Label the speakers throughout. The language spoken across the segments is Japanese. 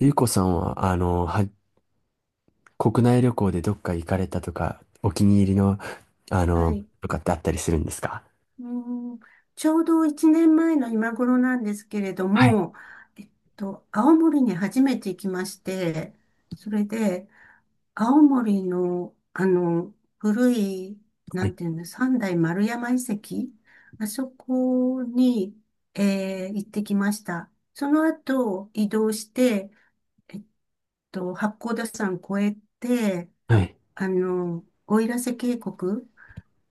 Speaker 1: ゆうこさんは、国内旅行でどっか行かれたとか、お気に入りの、あ
Speaker 2: は
Speaker 1: の、
Speaker 2: い。
Speaker 1: とかってあったりするんですか？
Speaker 2: うーん、ちょうど1年前の今頃なんですけれど
Speaker 1: はい。
Speaker 2: も、えっ青森に初めて行きまして、それで、青森の、古い、
Speaker 1: は
Speaker 2: な
Speaker 1: い。
Speaker 2: んていうの、三代丸山遺跡、あそこに、行ってきました。その後、移動して、えっ八甲田山越えて、
Speaker 1: はい。
Speaker 2: 奥入瀬渓谷、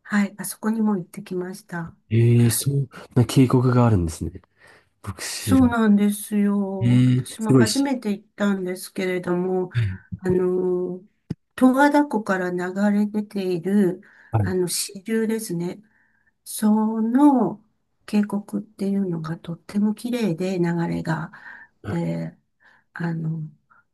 Speaker 2: はい、あそこにも行ってきました。
Speaker 1: ええ、そんな渓谷があるんですね。僕知
Speaker 2: そう
Speaker 1: る。
Speaker 2: なんです
Speaker 1: え
Speaker 2: よ。
Speaker 1: え、
Speaker 2: 私
Speaker 1: す
Speaker 2: も
Speaker 1: ごい
Speaker 2: 初
Speaker 1: し。
Speaker 2: めて行ったんですけれども、あの、十和田湖から流れ出ている、
Speaker 1: はい。
Speaker 2: 支流ですね。その渓谷っていうのがとっても綺麗で流れが。
Speaker 1: はい。
Speaker 2: で、あの、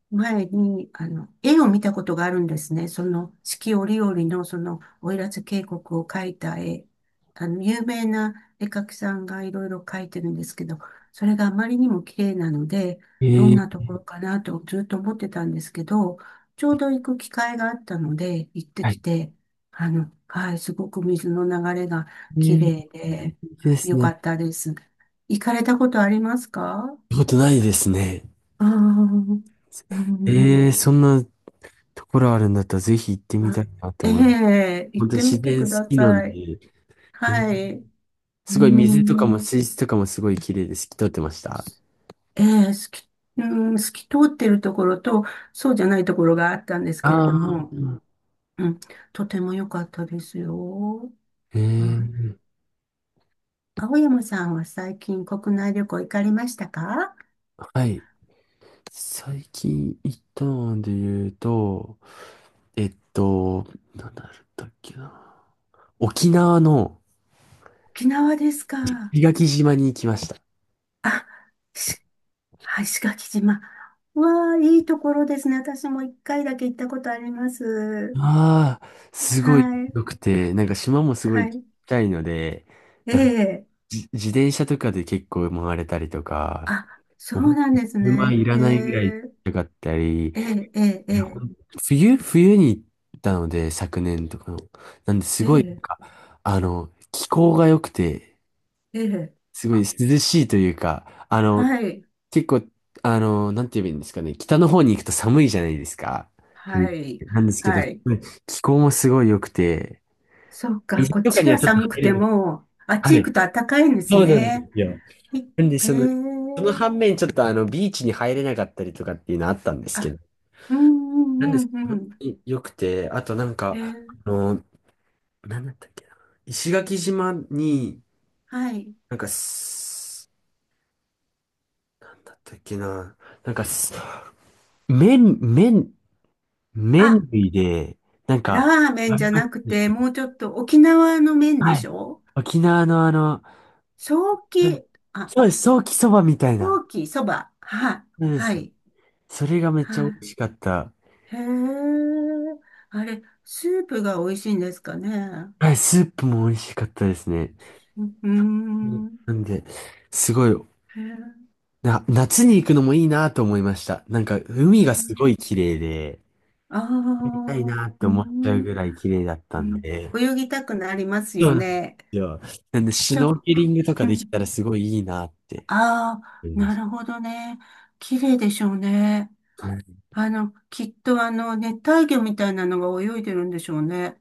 Speaker 2: 前に、絵を見たことがあるんですね。その四季折々のその奥入瀬渓谷を描いた絵。有名な絵描きさんがいろいろ描いてるんですけど、それがあまりにも綺麗なので、
Speaker 1: え
Speaker 2: どんな
Speaker 1: え、
Speaker 2: ところかなとずっと思ってたんですけど、ちょうど行く機会があったので、行って
Speaker 1: は
Speaker 2: き
Speaker 1: い。
Speaker 2: て、はい、すごく水の流れが
Speaker 1: え
Speaker 2: 綺
Speaker 1: え、
Speaker 2: 麗で、
Speaker 1: です
Speaker 2: よ
Speaker 1: ね。行
Speaker 2: か
Speaker 1: っ
Speaker 2: ったです。行かれたことありますか？
Speaker 1: たことないですね。
Speaker 2: ああー、うん。う
Speaker 1: え
Speaker 2: ん。
Speaker 1: え、そんなところあるんだったら、ぜひ行ってみたいなと
Speaker 2: え
Speaker 1: 思います。
Speaker 2: え、行
Speaker 1: 本
Speaker 2: っ
Speaker 1: 当に
Speaker 2: て
Speaker 1: 自
Speaker 2: みて
Speaker 1: 然
Speaker 2: く
Speaker 1: 好
Speaker 2: だ
Speaker 1: きなん
Speaker 2: さ
Speaker 1: で、
Speaker 2: い。
Speaker 1: ええ、
Speaker 2: はい。う
Speaker 1: すごい水とかも
Speaker 2: ん。
Speaker 1: 水質とかもすごい綺麗で好透き通ってました。
Speaker 2: ええ、うん、透き通ってるところと、そうじゃないところがあったんですけれ
Speaker 1: あ
Speaker 2: ども、
Speaker 1: あ、
Speaker 2: うん、とても良かったですよ。はい。
Speaker 1: ええ、
Speaker 2: 青山さんは最近国内旅行行かれましたか？
Speaker 1: はい。最近行ったので言うと、えっと、なんだったっけな。沖縄の
Speaker 2: 沖縄ですか。
Speaker 1: 石垣島に行きました。
Speaker 2: あ、しはい、石垣島。うわあ、いいところですね。私も一回だけ行ったことあります。
Speaker 1: ああ、すごい
Speaker 2: はい。
Speaker 1: 良くて、なんか島もすごい
Speaker 2: は
Speaker 1: ちっ
Speaker 2: い。
Speaker 1: ちゃいので、
Speaker 2: え
Speaker 1: なんか
Speaker 2: え。
Speaker 1: 自転車とかで結構回れたりとか、
Speaker 2: あ、そ
Speaker 1: もうほん
Speaker 2: う
Speaker 1: と
Speaker 2: なんです
Speaker 1: 車い
Speaker 2: ね。
Speaker 1: ら
Speaker 2: え
Speaker 1: ないぐらい
Speaker 2: え、
Speaker 1: ちかったり、い
Speaker 2: ええ、え
Speaker 1: やほ
Speaker 2: え、
Speaker 1: ん冬に行ったので、昨年とかの。なんで、す
Speaker 2: ええ、
Speaker 1: ごい、なん
Speaker 2: ええ。
Speaker 1: か、気候が良くて、
Speaker 2: ええ、
Speaker 1: すごい涼
Speaker 2: あ、
Speaker 1: しいというか、
Speaker 2: はい。
Speaker 1: 結構、なんて言えばいいんですかね、北の方に行くと寒いじゃないですか、冬。
Speaker 2: はい。
Speaker 1: なんですけど、
Speaker 2: はい。
Speaker 1: 気候もすごい良くて、
Speaker 2: そうか、
Speaker 1: 水
Speaker 2: こっ
Speaker 1: とか
Speaker 2: ち
Speaker 1: には
Speaker 2: が
Speaker 1: ちょっと
Speaker 2: 寒く
Speaker 1: 入れ
Speaker 2: て
Speaker 1: ない。
Speaker 2: も、あっち
Speaker 1: は
Speaker 2: 行く
Speaker 1: い。
Speaker 2: と暖かいんです
Speaker 1: そうなん
Speaker 2: ね。
Speaker 1: ですよ。
Speaker 2: い
Speaker 1: なんで、
Speaker 2: ええ。
Speaker 1: その反面、ちょっとビーチに入れなかったりとかっていうのあったんですけ
Speaker 2: あ、
Speaker 1: ど、
Speaker 2: うん、
Speaker 1: な
Speaker 2: う
Speaker 1: んで
Speaker 2: ん、
Speaker 1: す
Speaker 2: う
Speaker 1: けど、
Speaker 2: ん、う
Speaker 1: 本
Speaker 2: ん。
Speaker 1: 当に良くて、あとなん
Speaker 2: え
Speaker 1: か、
Speaker 2: え、
Speaker 1: あの、なんだったっけな。石垣島に、
Speaker 2: はい。
Speaker 1: なんかす、なんだったっけな。なんかす、麺、麺、
Speaker 2: あ、
Speaker 1: 麺類で、なんか、
Speaker 2: ラーメン
Speaker 1: あ
Speaker 2: じ
Speaker 1: り
Speaker 2: ゃ
Speaker 1: ま
Speaker 2: なく
Speaker 1: し
Speaker 2: て、
Speaker 1: た。
Speaker 2: もうちょっと沖縄の麺
Speaker 1: は
Speaker 2: でし
Speaker 1: い。
Speaker 2: ょ？
Speaker 1: 沖縄の
Speaker 2: ソー
Speaker 1: なん
Speaker 2: キ、あ、
Speaker 1: そうです、ソーキそばみたいな。
Speaker 2: ソーキ、そば。はい。
Speaker 1: そうで
Speaker 2: は
Speaker 1: すね。
Speaker 2: い。
Speaker 1: それがめっ
Speaker 2: は
Speaker 1: ちゃ美味しかった。
Speaker 2: い。へえ。あれ、スープが美味しいんですかね。
Speaker 1: はい、スープも美味しかったですね。
Speaker 2: うー
Speaker 1: うん、
Speaker 2: ん。
Speaker 1: なんで、すごい、
Speaker 2: へえ。
Speaker 1: 夏に行くのもいいなと思いました。なんか、海がすごい綺麗で、
Speaker 2: ああ
Speaker 1: たい
Speaker 2: ー、
Speaker 1: なって
Speaker 2: う
Speaker 1: 思っちゃう
Speaker 2: ん。
Speaker 1: ぐらい綺麗だった
Speaker 2: う
Speaker 1: ん
Speaker 2: ん。
Speaker 1: で、
Speaker 2: 泳ぎたくなります
Speaker 1: そ
Speaker 2: よ
Speaker 1: うなんで
Speaker 2: ね。
Speaker 1: すよ。なんで、シュ
Speaker 2: じゃ、
Speaker 1: ノーケリングとか
Speaker 2: う
Speaker 1: でき
Speaker 2: ん。
Speaker 1: たらすごいいいなって
Speaker 2: ああ、
Speaker 1: 思いま
Speaker 2: な
Speaker 1: し
Speaker 2: るほどね。綺麗でしょうね。
Speaker 1: た。はい。
Speaker 2: きっと熱帯魚みたいなのが泳いでるんでしょうね。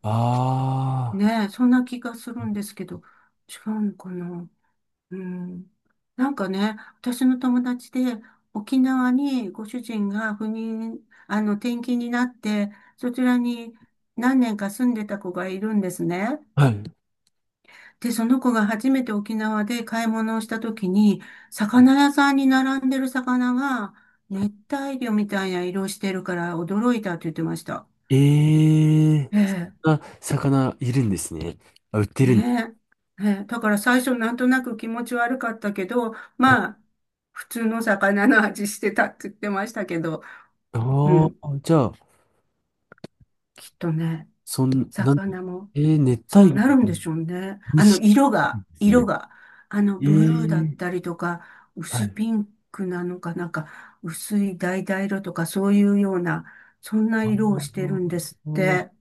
Speaker 1: あ
Speaker 2: ねえ、そんな気がするんですけど、違うのかな。うん。なんかね、私の友達で沖縄にご主人が赴任、あの、転勤になって、そちらに何年か住んでた子がいるんですね。
Speaker 1: あ、はい。
Speaker 2: で、その子が初めて沖縄で買い物をした時に、魚屋さんに並んでる魚が熱帯魚みたいな色してるから驚いたって言ってました。
Speaker 1: ええ
Speaker 2: え
Speaker 1: ー、
Speaker 2: え、
Speaker 1: そんな魚いるんですね。あ、売ってるんです。
Speaker 2: ねえ。ええ、だから最初なんとなく気持ち悪かったけど、まあ、普通の魚の味してたって言ってましたけど、
Speaker 1: あ
Speaker 2: うん、
Speaker 1: あー、じゃあ、
Speaker 2: きっとね、
Speaker 1: そん、なん、
Speaker 2: 魚も
Speaker 1: えー、熱
Speaker 2: そう
Speaker 1: 帯魚
Speaker 2: なる
Speaker 1: み
Speaker 2: ん
Speaker 1: たい
Speaker 2: で
Speaker 1: な。
Speaker 2: しょうね。
Speaker 1: 美味
Speaker 2: あ
Speaker 1: し
Speaker 2: の、色
Speaker 1: い
Speaker 2: が、
Speaker 1: です
Speaker 2: 色
Speaker 1: ね。
Speaker 2: が、ブルーだっ
Speaker 1: え
Speaker 2: た
Speaker 1: え、
Speaker 2: りとか、
Speaker 1: は
Speaker 2: 薄
Speaker 1: い。
Speaker 2: ピンクなのかなんか、薄い橙色とかそういうような、そんな
Speaker 1: あ
Speaker 2: 色をして
Speaker 1: あ、
Speaker 2: るんですって。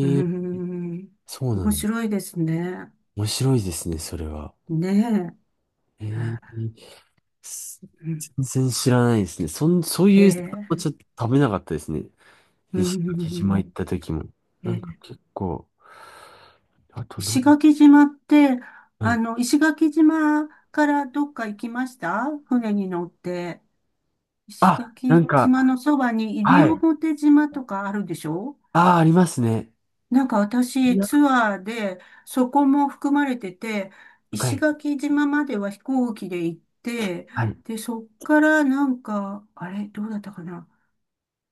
Speaker 2: うー
Speaker 1: え、
Speaker 2: ん、
Speaker 1: そうなん
Speaker 2: 面
Speaker 1: だ。
Speaker 2: 白いですね。
Speaker 1: 面白いですね、それは。
Speaker 2: ね
Speaker 1: ええ、
Speaker 2: え。
Speaker 1: す
Speaker 2: うん。
Speaker 1: 全然知らないですね。そういう魚
Speaker 2: え
Speaker 1: は
Speaker 2: え。
Speaker 1: ちょっと食べなかったですね。
Speaker 2: う
Speaker 1: 石垣島
Speaker 2: ん、
Speaker 1: 行った時も。なんか
Speaker 2: ええ。
Speaker 1: 結構、あと何ん、
Speaker 2: 石垣島って、
Speaker 1: はい。
Speaker 2: 石垣島からどっか行きました？船に乗って。石
Speaker 1: あ、な
Speaker 2: 垣
Speaker 1: んか、
Speaker 2: 島のそばに西
Speaker 1: はい。
Speaker 2: 表島とかあるでしょ？
Speaker 1: ああ、ありますね。
Speaker 2: なんか私、ツ
Speaker 1: い
Speaker 2: アーで、そこも含まれてて、
Speaker 1: や、は
Speaker 2: 石
Speaker 1: い。
Speaker 2: 垣島までは飛行機で行って、
Speaker 1: はい。
Speaker 2: で、そっからなんか、あれ、どうだったかな、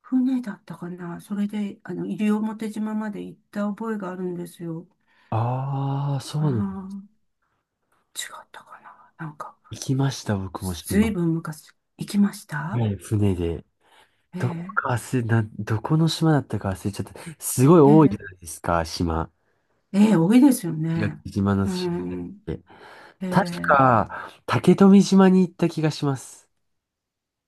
Speaker 2: 船だったかな、それで、西表島まで行った覚えがあるんですよ。
Speaker 1: ああ、そ
Speaker 2: あ
Speaker 1: うなんだ。
Speaker 2: あ、違ったかな。なんか、
Speaker 1: 行きました、僕も
Speaker 2: ず
Speaker 1: 島。
Speaker 2: いぶん昔行きました。
Speaker 1: はい、船で。
Speaker 2: え
Speaker 1: どこ
Speaker 2: え、
Speaker 1: か忘れ、な、どこの島だったか忘れちゃった。すごい
Speaker 2: え
Speaker 1: 多いじゃ
Speaker 2: え、
Speaker 1: ないですか、島。
Speaker 2: ええ、多いですよ
Speaker 1: 石
Speaker 2: ね。
Speaker 1: 垣島の
Speaker 2: う
Speaker 1: 島っ
Speaker 2: ん、
Speaker 1: て。
Speaker 2: え
Speaker 1: 確
Speaker 2: え、
Speaker 1: か、竹富島に行った気がします。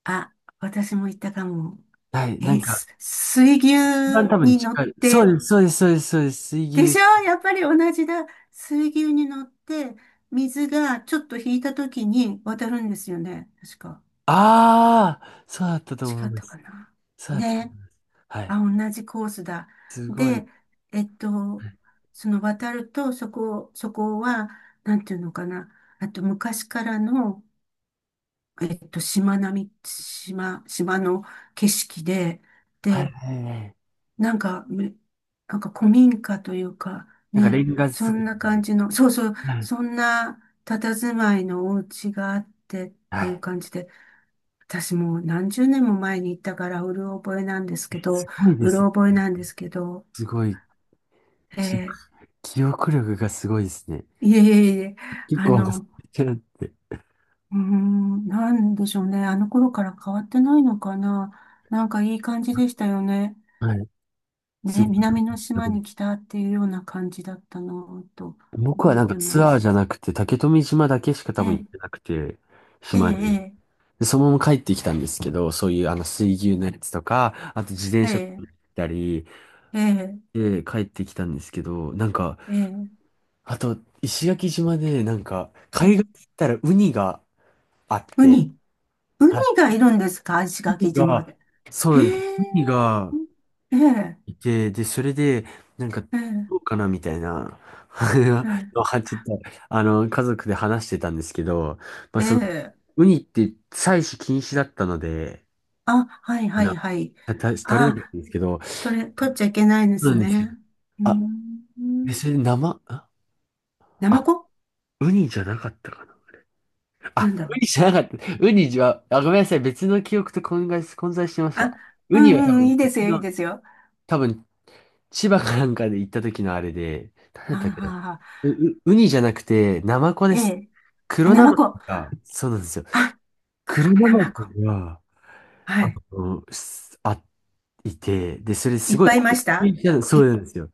Speaker 2: あ、私も行ったかも。
Speaker 1: はい、なんか、
Speaker 2: 水牛
Speaker 1: 一番多分
Speaker 2: に乗っ
Speaker 1: 近い。そう
Speaker 2: て、
Speaker 1: です、そうです、そうです、そうです、
Speaker 2: で
Speaker 1: 水
Speaker 2: し
Speaker 1: 牛。
Speaker 2: ょ、やっぱり同じだ。水牛に乗って、水がちょっと引いた時に渡るんですよね。確か。
Speaker 1: ああ、そうだったと思
Speaker 2: 違
Speaker 1: い
Speaker 2: っ
Speaker 1: ま
Speaker 2: た
Speaker 1: す。
Speaker 2: かな。
Speaker 1: そうだったと思
Speaker 2: ね。
Speaker 1: います。はい。
Speaker 2: あ、同じコースだ。
Speaker 1: すごい。
Speaker 2: で、えっと、
Speaker 1: はい、
Speaker 2: その渡ると、そこは、なんていうのかな。あと、昔からの、島並み、島、島の景色で、
Speaker 1: はい、
Speaker 2: で、
Speaker 1: はい。
Speaker 2: なんか、めなんか古民家というか、
Speaker 1: なんか、レ
Speaker 2: ね、
Speaker 1: ンガ
Speaker 2: そ
Speaker 1: 作
Speaker 2: んな
Speaker 1: り。
Speaker 2: 感じの、そうそう、
Speaker 1: はい。
Speaker 2: そんな佇まいのお家があってっ
Speaker 1: は
Speaker 2: ていう
Speaker 1: い。
Speaker 2: 感じで、私もう何十年も前に行ったから、
Speaker 1: すごいで
Speaker 2: う
Speaker 1: す
Speaker 2: ろ
Speaker 1: ね。
Speaker 2: 覚えなんですけど、
Speaker 1: すごい。き、
Speaker 2: ええ、
Speaker 1: 記憶力がすごいですね。
Speaker 2: いえいえいえ、
Speaker 1: 結
Speaker 2: あ
Speaker 1: 構忘れ
Speaker 2: の、
Speaker 1: ちゃって。
Speaker 2: なんでしょうね。あの頃から変わってないのかな。なんかいい感じでしたよね。
Speaker 1: はい。す
Speaker 2: ね、
Speaker 1: ごい。
Speaker 2: 南の島に来たっていうような感じだったのと
Speaker 1: 僕は
Speaker 2: 覚え
Speaker 1: なんか
Speaker 2: て
Speaker 1: ツ
Speaker 2: ま
Speaker 1: アー
Speaker 2: す。
Speaker 1: じゃなくて、竹富島だけしか
Speaker 2: え
Speaker 1: 多分行っ
Speaker 2: え、
Speaker 1: てなくて、
Speaker 2: え
Speaker 1: 島で。
Speaker 2: え、
Speaker 1: で、そのまま帰ってきたんですけど、そういう水牛のやつとか、あと自転
Speaker 2: え
Speaker 1: 車行
Speaker 2: え、
Speaker 1: ったり、
Speaker 2: ええ、
Speaker 1: で、帰ってきたんですけど、なんか、
Speaker 2: ええ、
Speaker 1: あと、石垣島で、なんか、
Speaker 2: え
Speaker 1: 海岸
Speaker 2: え。
Speaker 1: 行ったらウニがあっ
Speaker 2: ウ
Speaker 1: て、
Speaker 2: ニ、ウニ
Speaker 1: はい。
Speaker 2: がいるんですか、石
Speaker 1: ウニ
Speaker 2: 垣島
Speaker 1: が、
Speaker 2: で？
Speaker 1: そう
Speaker 2: へ
Speaker 1: なんです。
Speaker 2: え、
Speaker 1: ウニが
Speaker 2: ええ、
Speaker 1: いて、で、それで、なんか、
Speaker 2: ええ、
Speaker 1: どうかなみたいな、はちょっと、家族で話してたんですけど、まあ、
Speaker 2: ええ、
Speaker 1: その、
Speaker 2: ええ、
Speaker 1: ウニって採取禁止だったので、
Speaker 2: あ、はい
Speaker 1: あ
Speaker 2: は
Speaker 1: の、
Speaker 2: いはい。
Speaker 1: た、た取れなかっ
Speaker 2: あ、
Speaker 1: たんですけど、そ
Speaker 2: 取っちゃいけないんで
Speaker 1: うな
Speaker 2: す
Speaker 1: んですよ。
Speaker 2: ね。うー
Speaker 1: あ、別
Speaker 2: ん。
Speaker 1: に生、あ、
Speaker 2: ナマ
Speaker 1: あ
Speaker 2: コ、
Speaker 1: ウニじゃなかったかな。
Speaker 2: な
Speaker 1: あ、
Speaker 2: んだろ
Speaker 1: ウ
Speaker 2: う。
Speaker 1: ニじゃなかった。ウニは、あ、ごめんなさい。別の記憶と混在してまし
Speaker 2: あ、
Speaker 1: た。
Speaker 2: う
Speaker 1: ウニは多
Speaker 2: んう
Speaker 1: 分
Speaker 2: ん、いいです
Speaker 1: 別
Speaker 2: よ、い
Speaker 1: の、
Speaker 2: いですよ。
Speaker 1: 多分千葉かなんかで行った時のあれで、誰だ
Speaker 2: は
Speaker 1: ったっ
Speaker 2: あ、
Speaker 1: けな。
Speaker 2: はあはあ、
Speaker 1: ウニじゃなくて、ナマコで
Speaker 2: え
Speaker 1: す。
Speaker 2: え。あ、
Speaker 1: 黒
Speaker 2: ナ
Speaker 1: ナ
Speaker 2: マ
Speaker 1: マコ
Speaker 2: コ。
Speaker 1: が、そうなんですよ。
Speaker 2: あ、
Speaker 1: 黒
Speaker 2: 黒
Speaker 1: ナ
Speaker 2: ナマ
Speaker 1: マ
Speaker 2: コ。
Speaker 1: コが、
Speaker 2: は
Speaker 1: あ
Speaker 2: い。
Speaker 1: の、すあ、いて、で、それ
Speaker 2: い
Speaker 1: す
Speaker 2: っ
Speaker 1: ごい
Speaker 2: ぱいいま
Speaker 1: 高
Speaker 2: し
Speaker 1: 級
Speaker 2: た？
Speaker 1: じゃ、そう
Speaker 2: い、
Speaker 1: なんですよ。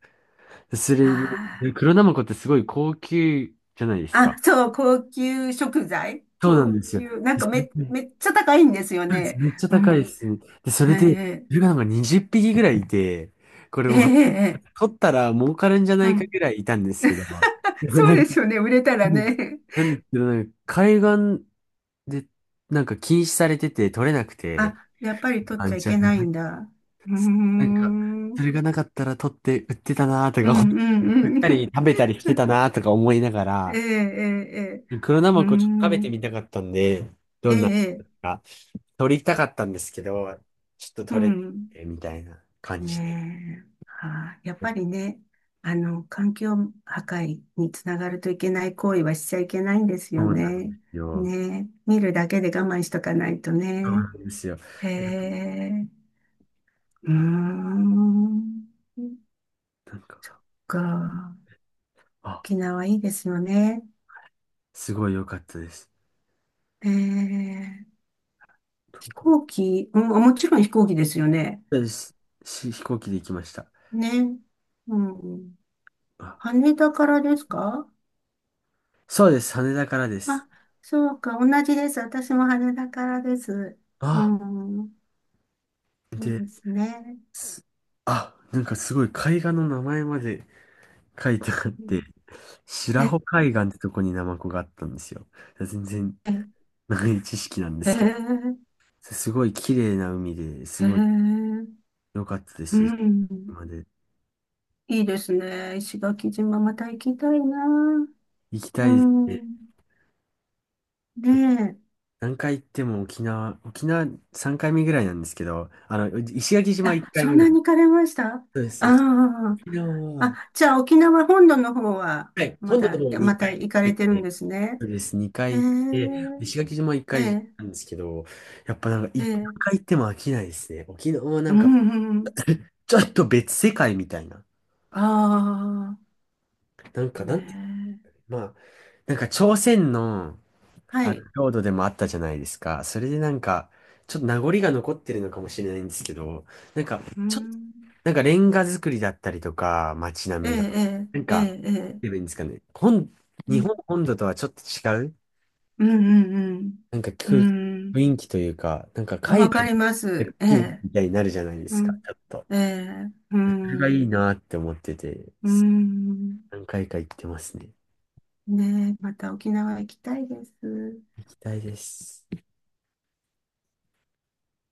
Speaker 1: でそ
Speaker 2: あ
Speaker 1: れで、
Speaker 2: ー、
Speaker 1: 黒ナマコってすごい高級じゃないです
Speaker 2: あ、
Speaker 1: か。
Speaker 2: そう、高級食材。
Speaker 1: そうな
Speaker 2: 高
Speaker 1: んですよ。
Speaker 2: 級、なん
Speaker 1: で
Speaker 2: か
Speaker 1: それ
Speaker 2: め、
Speaker 1: で
Speaker 2: めっちゃ高いんですよ
Speaker 1: そうです
Speaker 2: ね。
Speaker 1: めっちゃ
Speaker 2: う
Speaker 1: 高いで
Speaker 2: ん。
Speaker 1: すね。で、そ
Speaker 2: え
Speaker 1: れで、そ
Speaker 2: え、
Speaker 1: れがなんか20匹ぐらいいて、これ
Speaker 2: ええ、
Speaker 1: も
Speaker 2: ええ、
Speaker 1: 取ったら儲かるんじゃな
Speaker 2: う
Speaker 1: いか
Speaker 2: ん。
Speaker 1: ぐらいいたんですけど、でも
Speaker 2: そ
Speaker 1: な
Speaker 2: うで
Speaker 1: んか、
Speaker 2: すよね、売れたら
Speaker 1: です
Speaker 2: ね。
Speaker 1: なんですけど、なんか海岸でなんか禁止されてて取れなくて、
Speaker 2: あ、やっぱり取っ
Speaker 1: あ、
Speaker 2: ちゃい
Speaker 1: ちゃあ
Speaker 2: け
Speaker 1: ダ
Speaker 2: ないんだ。うー
Speaker 1: なんか、そ
Speaker 2: ん。
Speaker 1: れがなかったら取って売ってたなと
Speaker 2: う
Speaker 1: か思っ
Speaker 2: んうんう
Speaker 1: たり、
Speaker 2: ん。
Speaker 1: 食べたりしてた なとか思いなが
Speaker 2: えええ
Speaker 1: ら、
Speaker 2: えええ。
Speaker 1: 黒ナ
Speaker 2: うー
Speaker 1: マコちょっと食べてみ
Speaker 2: ん。
Speaker 1: たかったんで、どんなの
Speaker 2: ええ。
Speaker 1: か。取りたかったんですけど、ちょっと
Speaker 2: う
Speaker 1: 取れなく
Speaker 2: ん。
Speaker 1: てみたいな感じで。
Speaker 2: ねえ。はあ、やっぱりね、環境破壊につながるといけない行為はしちゃいけないんです
Speaker 1: そ
Speaker 2: よ
Speaker 1: うなんで
Speaker 2: ね。
Speaker 1: すよ。
Speaker 2: ねえ。見るだけで我慢しとかないと
Speaker 1: そう
Speaker 2: ね。
Speaker 1: なんですよ。
Speaker 2: へ
Speaker 1: なんか、
Speaker 2: え。うーん。
Speaker 1: なんか
Speaker 2: そっか。
Speaker 1: あ、
Speaker 2: 沖縄いいですよね。
Speaker 1: すごい良かったです。
Speaker 2: ええ。
Speaker 1: ど
Speaker 2: 飛
Speaker 1: こ
Speaker 2: 行機、うん、もちろん飛行機ですよね。
Speaker 1: です。飛行機で行きました。
Speaker 2: ね。うん。
Speaker 1: あ、
Speaker 2: 羽田からですか？
Speaker 1: そうです。羽田からです。
Speaker 2: あ、そうか。同じです。私も羽田からです。う
Speaker 1: あ、
Speaker 2: ん。そう
Speaker 1: で、
Speaker 2: ですね。
Speaker 1: すなんかすごい海岸の名前まで書いてあって、
Speaker 2: え、
Speaker 1: 白
Speaker 2: へ
Speaker 1: 穂海岸ってとこにナマコがあったんですよ。全然
Speaker 2: え、
Speaker 1: 長い知識なんで
Speaker 2: へ
Speaker 1: すけど、すごい綺麗な海ですごい
Speaker 2: え、
Speaker 1: 良かったで
Speaker 2: う
Speaker 1: す。
Speaker 2: ん。
Speaker 1: まで
Speaker 2: いいですね。石垣島また行きたいな。
Speaker 1: 行きた
Speaker 2: う
Speaker 1: いですし、
Speaker 2: ん。ね
Speaker 1: 何回行っても沖縄3回目ぐらいなんですけど、石垣
Speaker 2: え。
Speaker 1: 島1
Speaker 2: あ、
Speaker 1: 回
Speaker 2: そん
Speaker 1: 目だ。
Speaker 2: なに行かれました？あ
Speaker 1: そうです。
Speaker 2: あー。
Speaker 1: 沖縄は、
Speaker 2: あ、じゃあ沖縄本土の方は
Speaker 1: はい、本土の方
Speaker 2: ま
Speaker 1: 2
Speaker 2: た
Speaker 1: 回
Speaker 2: 行か
Speaker 1: 行
Speaker 2: れ
Speaker 1: っ
Speaker 2: てる
Speaker 1: て
Speaker 2: ん
Speaker 1: て、
Speaker 2: ですね。
Speaker 1: そうです、2
Speaker 2: へえ、
Speaker 1: 回行って、石垣島1
Speaker 2: え
Speaker 1: 回
Speaker 2: え。
Speaker 1: なんですけど、やっぱなんか、い
Speaker 2: え
Speaker 1: 何
Speaker 2: え、
Speaker 1: 回行っても飽きないですね。沖縄はな
Speaker 2: う
Speaker 1: んか、
Speaker 2: ん、うん。
Speaker 1: ちょっと別世界みたいな。
Speaker 2: あ
Speaker 1: なん
Speaker 2: あ、
Speaker 1: か、
Speaker 2: ね
Speaker 1: なんて、
Speaker 2: え。
Speaker 1: まあ、なんか朝鮮の、
Speaker 2: はい。
Speaker 1: 領土でもあったじゃないですか。それでなんか、ちょっと名残が残ってるのかもしれないんですけど、なんか、
Speaker 2: う
Speaker 1: ちょっと、
Speaker 2: ん。
Speaker 1: なんかレンガ作りだったりとか、街
Speaker 2: え
Speaker 1: 並
Speaker 2: え、
Speaker 1: みが、
Speaker 2: ええ、
Speaker 1: なん
Speaker 2: え
Speaker 1: か、なんて
Speaker 2: え、え
Speaker 1: 言
Speaker 2: え。
Speaker 1: えばいいんですかね。
Speaker 2: う
Speaker 1: 日
Speaker 2: ん、
Speaker 1: 本本土とはちょっと違う、
Speaker 2: うん、うん。
Speaker 1: なんか
Speaker 2: うん。うん、
Speaker 1: 雰囲気というか、なんか
Speaker 2: あ、
Speaker 1: 海
Speaker 2: わか
Speaker 1: 外
Speaker 2: りま
Speaker 1: の
Speaker 2: す。え
Speaker 1: 気分
Speaker 2: え、
Speaker 1: みたいになるじゃないで
Speaker 2: う
Speaker 1: すか、
Speaker 2: ん。
Speaker 1: ちょっと。
Speaker 2: ええ、う
Speaker 1: それがいい
Speaker 2: ん。
Speaker 1: なって思ってて、
Speaker 2: うん。
Speaker 1: 何回か行ってますね。
Speaker 2: ねえ、また沖縄行きたいです。
Speaker 1: 期待です。